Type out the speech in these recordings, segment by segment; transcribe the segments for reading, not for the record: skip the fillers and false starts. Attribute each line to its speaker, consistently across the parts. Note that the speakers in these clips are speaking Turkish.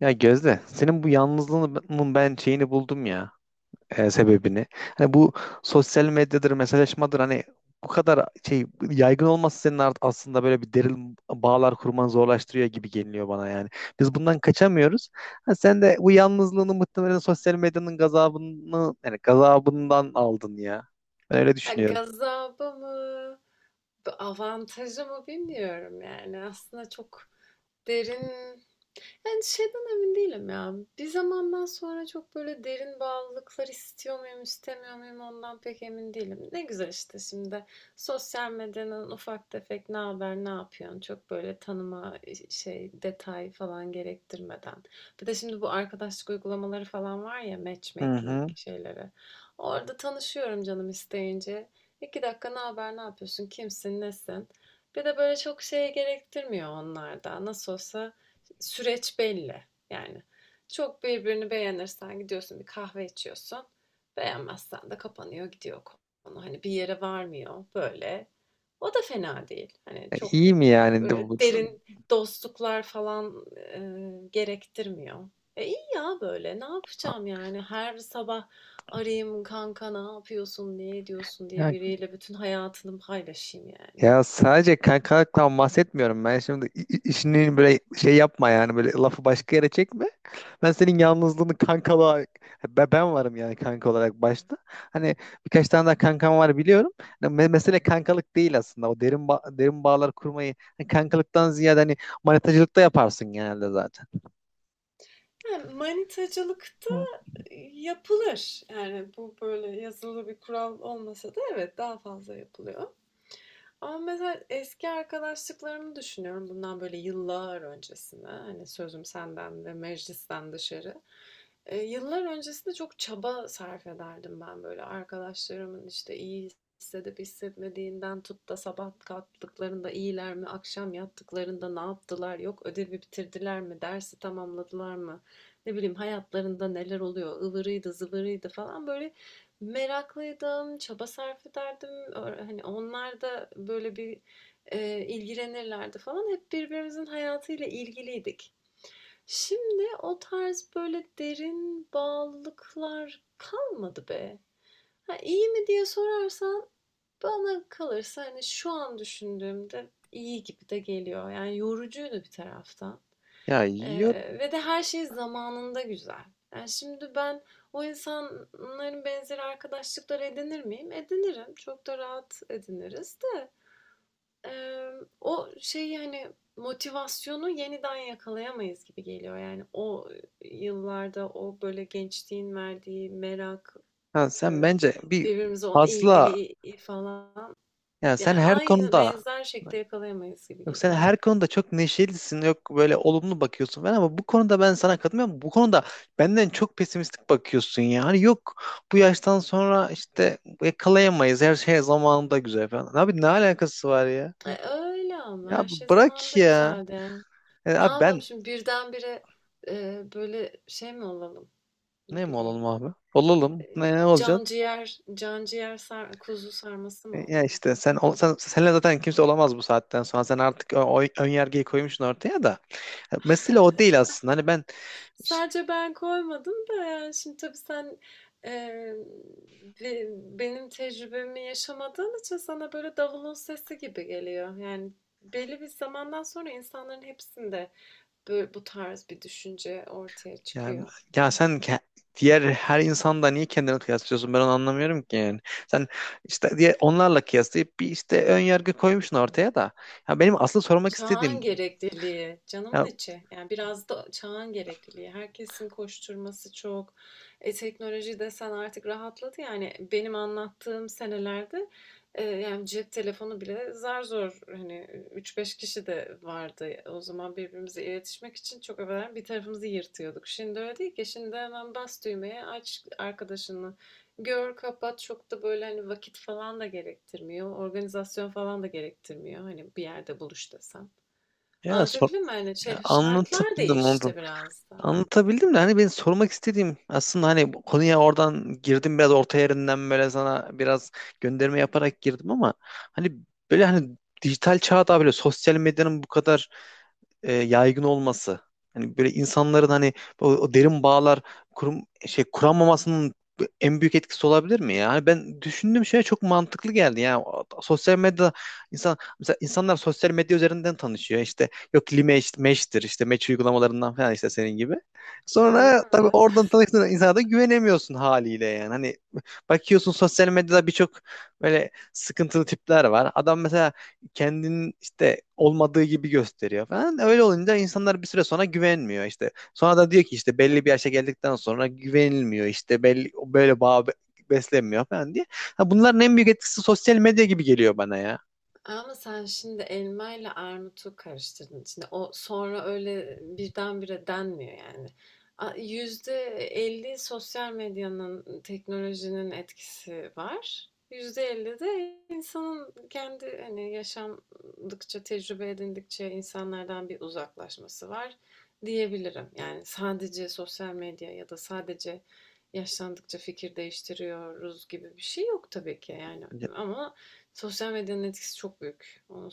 Speaker 1: Ya Gözde, senin bu yalnızlığının ben şeyini buldum ya, sebebini. Hani bu sosyal medyadır, mesajlaşmadır hani bu kadar şey yaygın olması senin aslında böyle bir derin bağlar kurmanı zorlaştırıyor gibi geliyor bana yani. Biz bundan kaçamıyoruz. Ha, sen de bu yalnızlığını muhtemelen sosyal medyanın gazabını yani gazabından aldın ya. Ben öyle
Speaker 2: Ha,
Speaker 1: düşünüyorum.
Speaker 2: gazabı mı, bir avantajı mı bilmiyorum yani. Aslında çok derin yani, şeyden emin değilim ya. Bir zamandan sonra çok böyle derin bağlılıklar istiyor muyum, istemiyor muyum ondan pek emin değilim. Ne güzel işte şimdi sosyal medyanın ufak tefek ne haber, ne yapıyorsun çok böyle tanıma, şey, detay falan gerektirmeden. Bir de şimdi bu arkadaşlık uygulamaları falan var ya,
Speaker 1: Hı
Speaker 2: matchmaking
Speaker 1: hı.
Speaker 2: şeyleri. Orada tanışıyorum canım isteyince. 2 dakika ne haber, ne yapıyorsun, kimsin, nesin? Bir de böyle çok şey gerektirmiyor onlarda. Nasıl olsa süreç belli. Yani çok birbirini beğenirsen gidiyorsun bir kahve içiyorsun. Beğenmezsen de kapanıyor gidiyor konu. Hani bir yere varmıyor böyle. O da fena değil. Hani
Speaker 1: Ya,
Speaker 2: çok
Speaker 1: iyi mi yani?
Speaker 2: böyle derin dostluklar falan gerektirmiyor. E iyi ya böyle. Ne yapacağım yani? Her sabah arayayım kanka ne yapıyorsun, ne ediyorsun diye
Speaker 1: Ya
Speaker 2: biriyle bütün hayatını paylaşayım yani.
Speaker 1: Ya sadece kankalıktan bahsetmiyorum ben şimdi işini böyle şey yapma yani böyle lafı başka yere çekme. Ben senin yalnızlığını kankalığa ben varım yani kanka olarak başta. Hani birkaç tane daha kankam var biliyorum. Hani mesele kankalık değil aslında o derin bağlar kurmayı hani kankalıktan ziyade hani manetacılıkta yaparsın genelde zaten.
Speaker 2: Yani manitacılık
Speaker 1: Hı.
Speaker 2: yapılır. Yani, bu böyle yazılı bir kural olmasa da evet, daha fazla yapılıyor. Ama mesela eski arkadaşlıklarımı düşünüyorum bundan böyle yıllar öncesine. Hani, sözüm senden ve meclisten dışarı. Yıllar öncesinde çok çaba sarf ederdim ben, böyle, arkadaşlarımın, işte, iyi hissedip hissetmediğinden tut da sabah kalktıklarında iyiler mi, akşam yattıklarında ne yaptılar, yok ödevi bitirdiler mi, dersi tamamladılar mı, ne bileyim hayatlarında neler oluyor, ıvırıydı zıvırıydı falan, böyle, meraklıydım, çaba sarf ederdim. Hani, onlar da böyle bir, ilgilenirlerdi falan. Hep birbirimizin hayatıyla ilgiliydik. Şimdi o tarz böyle derin bağlılıklar kalmadı be. Ha, iyi mi diye sorarsan bana kalırsa hani şu an düşündüğümde iyi gibi de geliyor. Yani yorucuydu bir taraftan.
Speaker 1: Ya yiyorum.
Speaker 2: Ve de her şey zamanında güzel. Yani şimdi ben o insanların benzeri arkadaşlıkları edinir miyim? Edinirim. Çok da rahat ediniriz de. Eee, o şeyi, hani, motivasyonu yeniden yakalayamayız gibi geliyor. Yani o yıllarda o, böyle, gençliğin verdiği merak,
Speaker 1: Ha, sen bence bir
Speaker 2: birbirimize olan
Speaker 1: fazla,
Speaker 2: ilgili falan,
Speaker 1: yani sen
Speaker 2: yani
Speaker 1: her
Speaker 2: aynı,
Speaker 1: konuda,
Speaker 2: benzer şekilde yakalayamayız gibi
Speaker 1: yok sen
Speaker 2: geliyor.
Speaker 1: her konuda çok neşelisin, yok böyle olumlu bakıyorsun falan, ama bu konuda ben sana katılmıyorum. Bu konuda benden çok pesimistik bakıyorsun ya. Hani yok bu yaştan sonra işte yakalayamayız, her şey zamanında güzel falan. Abi, ne alakası var ya?
Speaker 2: E, öyle ama
Speaker 1: Ya
Speaker 2: her şey
Speaker 1: bırak
Speaker 2: zamanında
Speaker 1: ya.
Speaker 2: güzeldi. Ne
Speaker 1: Abi
Speaker 2: yapalım
Speaker 1: ben
Speaker 2: şimdi birdenbire, böyle, şey mi olalım, ne
Speaker 1: ne mi olalım
Speaker 2: bileyim,
Speaker 1: abi? Olalım. Ne
Speaker 2: can
Speaker 1: olacak?
Speaker 2: ciğer can ciğer sar kuzu sarması mı
Speaker 1: Ya
Speaker 2: olalım?
Speaker 1: işte sen, ol, sen senle zaten kimse olamaz bu saatten sonra. Sen artık o ön yargıyı koymuşsun ortaya da. Mesele o değil aslında. Hani ben,
Speaker 2: Sadece ben koymadım da yani şimdi tabii sen eee, be- benim tecrübemi yaşamadığın için sana böyle davulun sesi gibi geliyor. Yani belli bir zamandan sonra insanların hepsinde böyle bu tarz bir düşünce ortaya
Speaker 1: ya,
Speaker 2: çıkıyor.
Speaker 1: ya sen diğer her insanda niye kendini kıyaslıyorsun? Ben onu anlamıyorum ki yani. Sen işte diye onlarla kıyaslayıp bir işte ön yargı koymuşsun ortaya da. Ya benim asıl sormak
Speaker 2: Çağın
Speaker 1: istediğim,
Speaker 2: gerekliliği, canımın
Speaker 1: ya,
Speaker 2: içi. Yani biraz da çağın gerekliliği. Herkesin koşturması çok. E, teknoloji desen artık rahatladı. Yani benim anlattığım senelerde yani cep telefonu bile zar zor hani üç beş kişi de vardı. O zaman birbirimize iletişmek için çok evvelen bir tarafımızı yırtıyorduk. Şimdi öyle değil ki. Şimdi hemen bas düğmeye aç arkadaşını. Gör, kapat çok da böyle hani vakit falan da gerektirmiyor. Organizasyon falan da gerektirmiyor. Hani bir yerde buluş desem.
Speaker 1: Ya, sor,
Speaker 2: Anlatabildim mi? Hani
Speaker 1: ya
Speaker 2: şey, şartlar
Speaker 1: anlatabildim, anladım.
Speaker 2: değişti biraz da.
Speaker 1: Anlatabildim de hani benim sormak istediğim aslında, hani bu konuya oradan girdim biraz orta yerinden böyle sana biraz gönderme yaparak girdim, ama hani böyle, hani dijital çağda böyle sosyal medyanın bu kadar yaygın olması. Hani böyle insanların hani o derin bağlar kurum, şey kuramamasının en büyük etkisi olabilir mi ya? Hani ben düşündüğüm şey çok mantıklı geldi. Yani sosyal medyada insan, mesela insanlar sosyal medya üzerinden tanışıyor. İşte yok Limeş, Meş'tir işte Meç uygulamalarından falan, işte senin gibi.
Speaker 2: Hı,
Speaker 1: Sonra tabii
Speaker 2: evet.
Speaker 1: oradan tanıştığın insana da güvenemiyorsun haliyle yani. Hani bakıyorsun sosyal medyada birçok böyle sıkıntılı tipler var. Adam mesela kendinin işte olmadığı gibi gösteriyor falan. Öyle olunca insanlar bir süre sonra güvenmiyor işte. Sonra da diyor ki işte belli bir yaşa geldikten sonra güvenilmiyor işte, belli böyle beslenmiyor falan diye. Ha, bunların en büyük etkisi sosyal medya gibi geliyor bana ya.
Speaker 2: Ama sen şimdi elma ile armutu karıştırdın. Şimdi o sonra öyle birdenbire denmiyor yani. Yüzde elli sosyal medyanın, teknolojinin etkisi var. Yüzde elli de insanın kendi hani yaşamdıkça, tecrübe edindikçe insanlardan bir uzaklaşması var diyebilirim. Yani sadece sosyal medya ya da sadece yaşlandıkça fikir değiştiriyoruz gibi bir şey yok tabii ki yani
Speaker 1: Ya
Speaker 2: ama sosyal medyanın etkisi çok büyük. Onu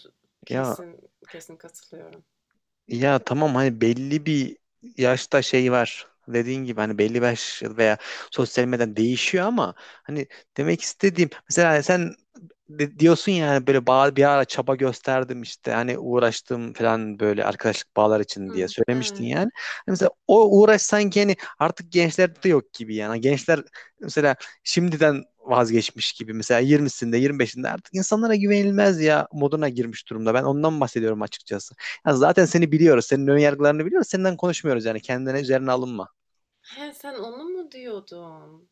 Speaker 1: ya
Speaker 2: kesin kesin katılıyorum.
Speaker 1: Ya tamam, hani belli bir yaşta şey var. Dediğin gibi hani belli bir yaş veya sosyal medyadan değişiyor ama hani demek istediğim mesela sen diyorsun yani böyle bağ, bir ara çaba gösterdim işte hani uğraştım falan böyle arkadaşlık bağlar için diye
Speaker 2: Hı,
Speaker 1: söylemiştin
Speaker 2: evet.
Speaker 1: yani. Hani mesela o uğraş sanki hani artık gençlerde yok gibi yani. Hani gençler mesela şimdiden vazgeçmiş gibi, mesela 20'sinde 25'inde artık insanlara güvenilmez ya moduna girmiş durumda. Ben ondan bahsediyorum açıkçası. Ha, zaten seni biliyoruz. Senin ön yargılarını biliyoruz. Senden konuşmuyoruz yani. Kendine üzerine alınma.
Speaker 2: He, sen onu mu diyordun?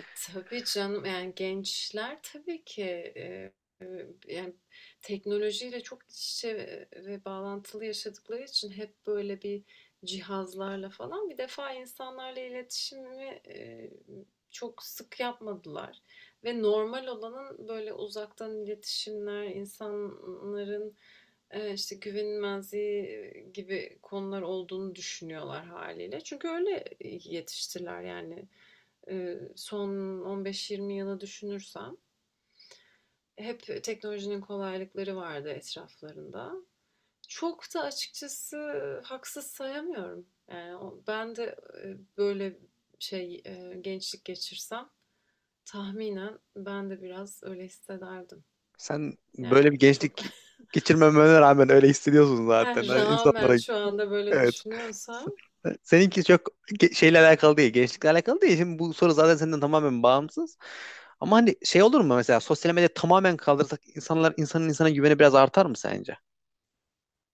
Speaker 2: E, tabii canım yani gençler tabii ki e, e, yani teknolojiyle çok iç içe ve bağlantılı yaşadıkları için hep böyle bir cihazlarla falan bir defa insanlarla iletişimi çok sık yapmadılar. Ve normal olanın böyle uzaktan iletişimler, insanların işte güvenilmezliği gibi konular olduğunu düşünüyorlar haliyle. Çünkü öyle, yetiştiler yani. Son 15-20 yılı düşünürsem hep teknolojinin kolaylıkları vardı etraflarında. Çok da açıkçası haksız sayamıyorum. Yani ben de, böyle şey, gençlik geçirsem tahminen ben de biraz öyle hissederdim.
Speaker 1: Sen böyle bir
Speaker 2: Yani çok
Speaker 1: gençlik geçirmemene rağmen öyle hissediyorsun zaten. Hani
Speaker 2: rağmen
Speaker 1: insanlara,
Speaker 2: şu anda böyle
Speaker 1: evet.
Speaker 2: düşünüyorsam.
Speaker 1: Seninki çok şeyle alakalı değil. Gençlikle alakalı değil. Şimdi bu soru zaten senden tamamen bağımsız. Ama hani şey olur mu, mesela sosyal medya tamamen kaldırsak insanlar, insanın insana güveni biraz artar mı sence?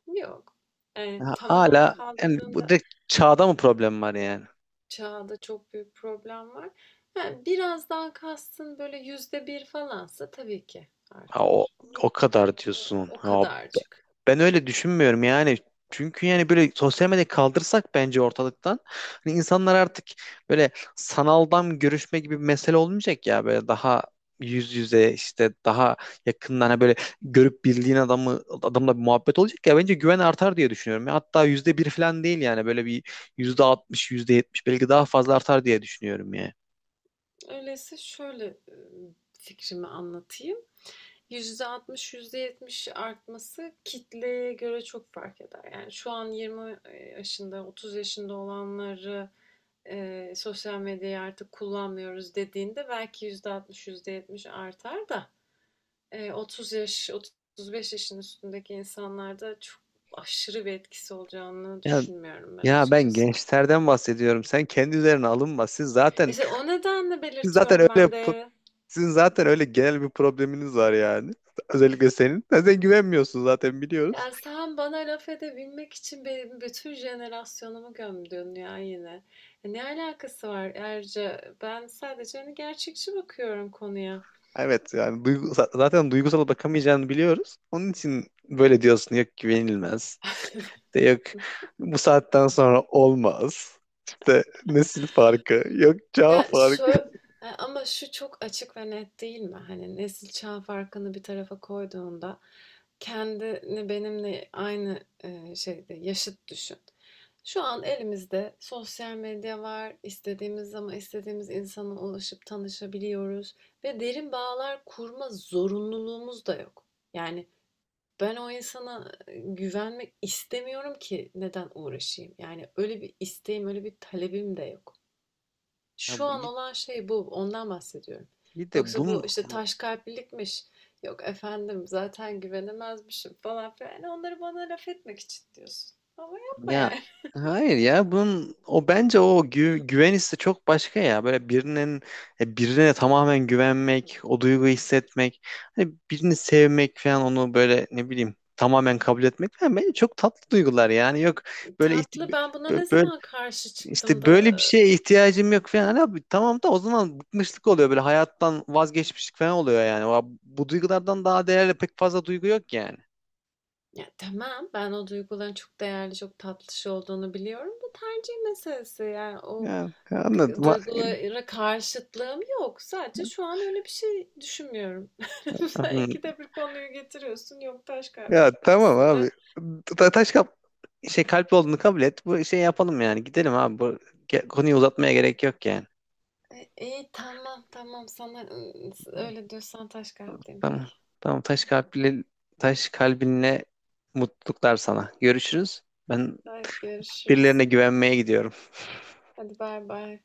Speaker 2: Yok. Yani
Speaker 1: Ha,
Speaker 2: tamamen
Speaker 1: hala, yani bu
Speaker 2: kaldırdığında.
Speaker 1: direkt çağda mı problem var yani?
Speaker 2: Çağda çok büyük problem var. Ha, biraz daha kastın böyle yüzde bir falansa tabii ki
Speaker 1: Ha,
Speaker 2: artar. Ama
Speaker 1: o kadar
Speaker 2: o,
Speaker 1: diyorsun.
Speaker 2: o
Speaker 1: Ya, b-
Speaker 2: kadarcık.
Speaker 1: ben öyle düşünmüyorum yani. Çünkü yani böyle sosyal medyayı kaldırsak bence ortalıktan, hani insanlar artık böyle sanaldan görüşme gibi bir mesele olmayacak ya, böyle daha yüz yüze, işte daha yakından, hani böyle görüp, bildiğin adamı adamla bir muhabbet olacak ya, bence güven artar diye düşünüyorum. Ya hatta yüzde bir falan değil, yani böyle bir %60, yüzde yetmiş belki daha fazla artar diye düşünüyorum yani.
Speaker 2: Öyleyse şöyle fikrimi anlatayım. %60, %70 artması kitleye göre çok fark eder. Yani şu an 20 yaşında, 30 yaşında olanları sosyal medyayı artık kullanmıyoruz dediğinde belki %60, %70 artar da 30 yaş, 35 yaşın üstündeki insanlarda çok aşırı bir etkisi olacağını
Speaker 1: Ya,
Speaker 2: düşünmüyorum ben
Speaker 1: ya ben
Speaker 2: açıkçası.
Speaker 1: gençlerden bahsediyorum. Sen kendi üzerine alınma.
Speaker 2: İşte o nedenle
Speaker 1: Siz zaten
Speaker 2: belirtiyorum
Speaker 1: öyle
Speaker 2: ben de.
Speaker 1: sizin zaten öyle genel bir probleminiz var yani. Özellikle senin. Sen güvenmiyorsun zaten, biliyoruz.
Speaker 2: Ya sen bana laf edebilmek için benim bütün jenerasyonumu gömdün ya yine. Ya, ne alakası var Erce? Ben sadece hani gerçekçi bakıyorum konuya.
Speaker 1: Evet yani zaten duygusal bakamayacağını biliyoruz. Onun için böyle diyorsun, yok güvenilmez. İşte yok bu saatten sonra olmaz. İşte nesil farkı, yok çağ
Speaker 2: Ya şu
Speaker 1: farkı.
Speaker 2: ama şu çok açık ve net değil mi? Hani nesil çağ farkını bir tarafa koyduğunda kendini benimle aynı şeyde yaşıt düşün. Şu an elimizde sosyal medya var. İstediğimiz zaman istediğimiz insana ulaşıp tanışabiliyoruz ve derin bağlar kurma zorunluluğumuz da yok. Yani ben o insana güvenmek istemiyorum ki neden uğraşayım? Yani öyle bir isteğim, öyle bir talebim de yok. Şu
Speaker 1: Ya bu
Speaker 2: an
Speaker 1: iyi,
Speaker 2: olan şey bu. Ondan bahsediyorum.
Speaker 1: iyi de
Speaker 2: Yoksa
Speaker 1: bunun,
Speaker 2: bu işte taş kalplilikmiş. Yok efendim zaten güvenemezmişim falan filan. Yani onları bana laf etmek için diyorsun. Ama yapma
Speaker 1: ya
Speaker 2: yani.
Speaker 1: hayır ya bunun o bence o güven hissi çok başka ya. Böyle birinin birine tamamen güvenmek, o duyguyu hissetmek, hani birini sevmek falan, onu böyle, ne bileyim, tamamen kabul etmek falan bence çok tatlı duygular yani. Yok böyle
Speaker 2: Tatlı ben buna ne
Speaker 1: böyle
Speaker 2: zaman karşı çıktım
Speaker 1: işte
Speaker 2: da
Speaker 1: böyle bir şeye ihtiyacım yok falan. Hani abi, tamam da o zaman bıkmışlık oluyor, böyle hayattan vazgeçmişlik falan oluyor yani. Bu duygulardan daha değerli pek fazla duygu yok yani.
Speaker 2: ya tamam ben o duyguların çok değerli çok tatlı şey olduğunu biliyorum da tercih meselesi yani o
Speaker 1: Ya anladım.
Speaker 2: duygulara karşıtlığım yok sadece şu an öyle bir şey düşünmüyorum. Sen ikide bir konuyu getiriyorsun yok taş
Speaker 1: Ya tamam
Speaker 2: kalplisin de.
Speaker 1: abi. Taş kap şey kalp olduğunu kabul et. Bu şey yapalım yani. Gidelim abi. Bu konuyu uzatmaya gerek yok yani.
Speaker 2: E, iyi tamam tamam sana öyle diyorsan taş kalpteyim
Speaker 1: Tamam.
Speaker 2: peki.
Speaker 1: Tamam, taş kalpli, taş kalbinle mutluluklar sana. Görüşürüz. Ben
Speaker 2: Hadi görüşürüz.
Speaker 1: birilerine güvenmeye gidiyorum.
Speaker 2: Hadi bay bay.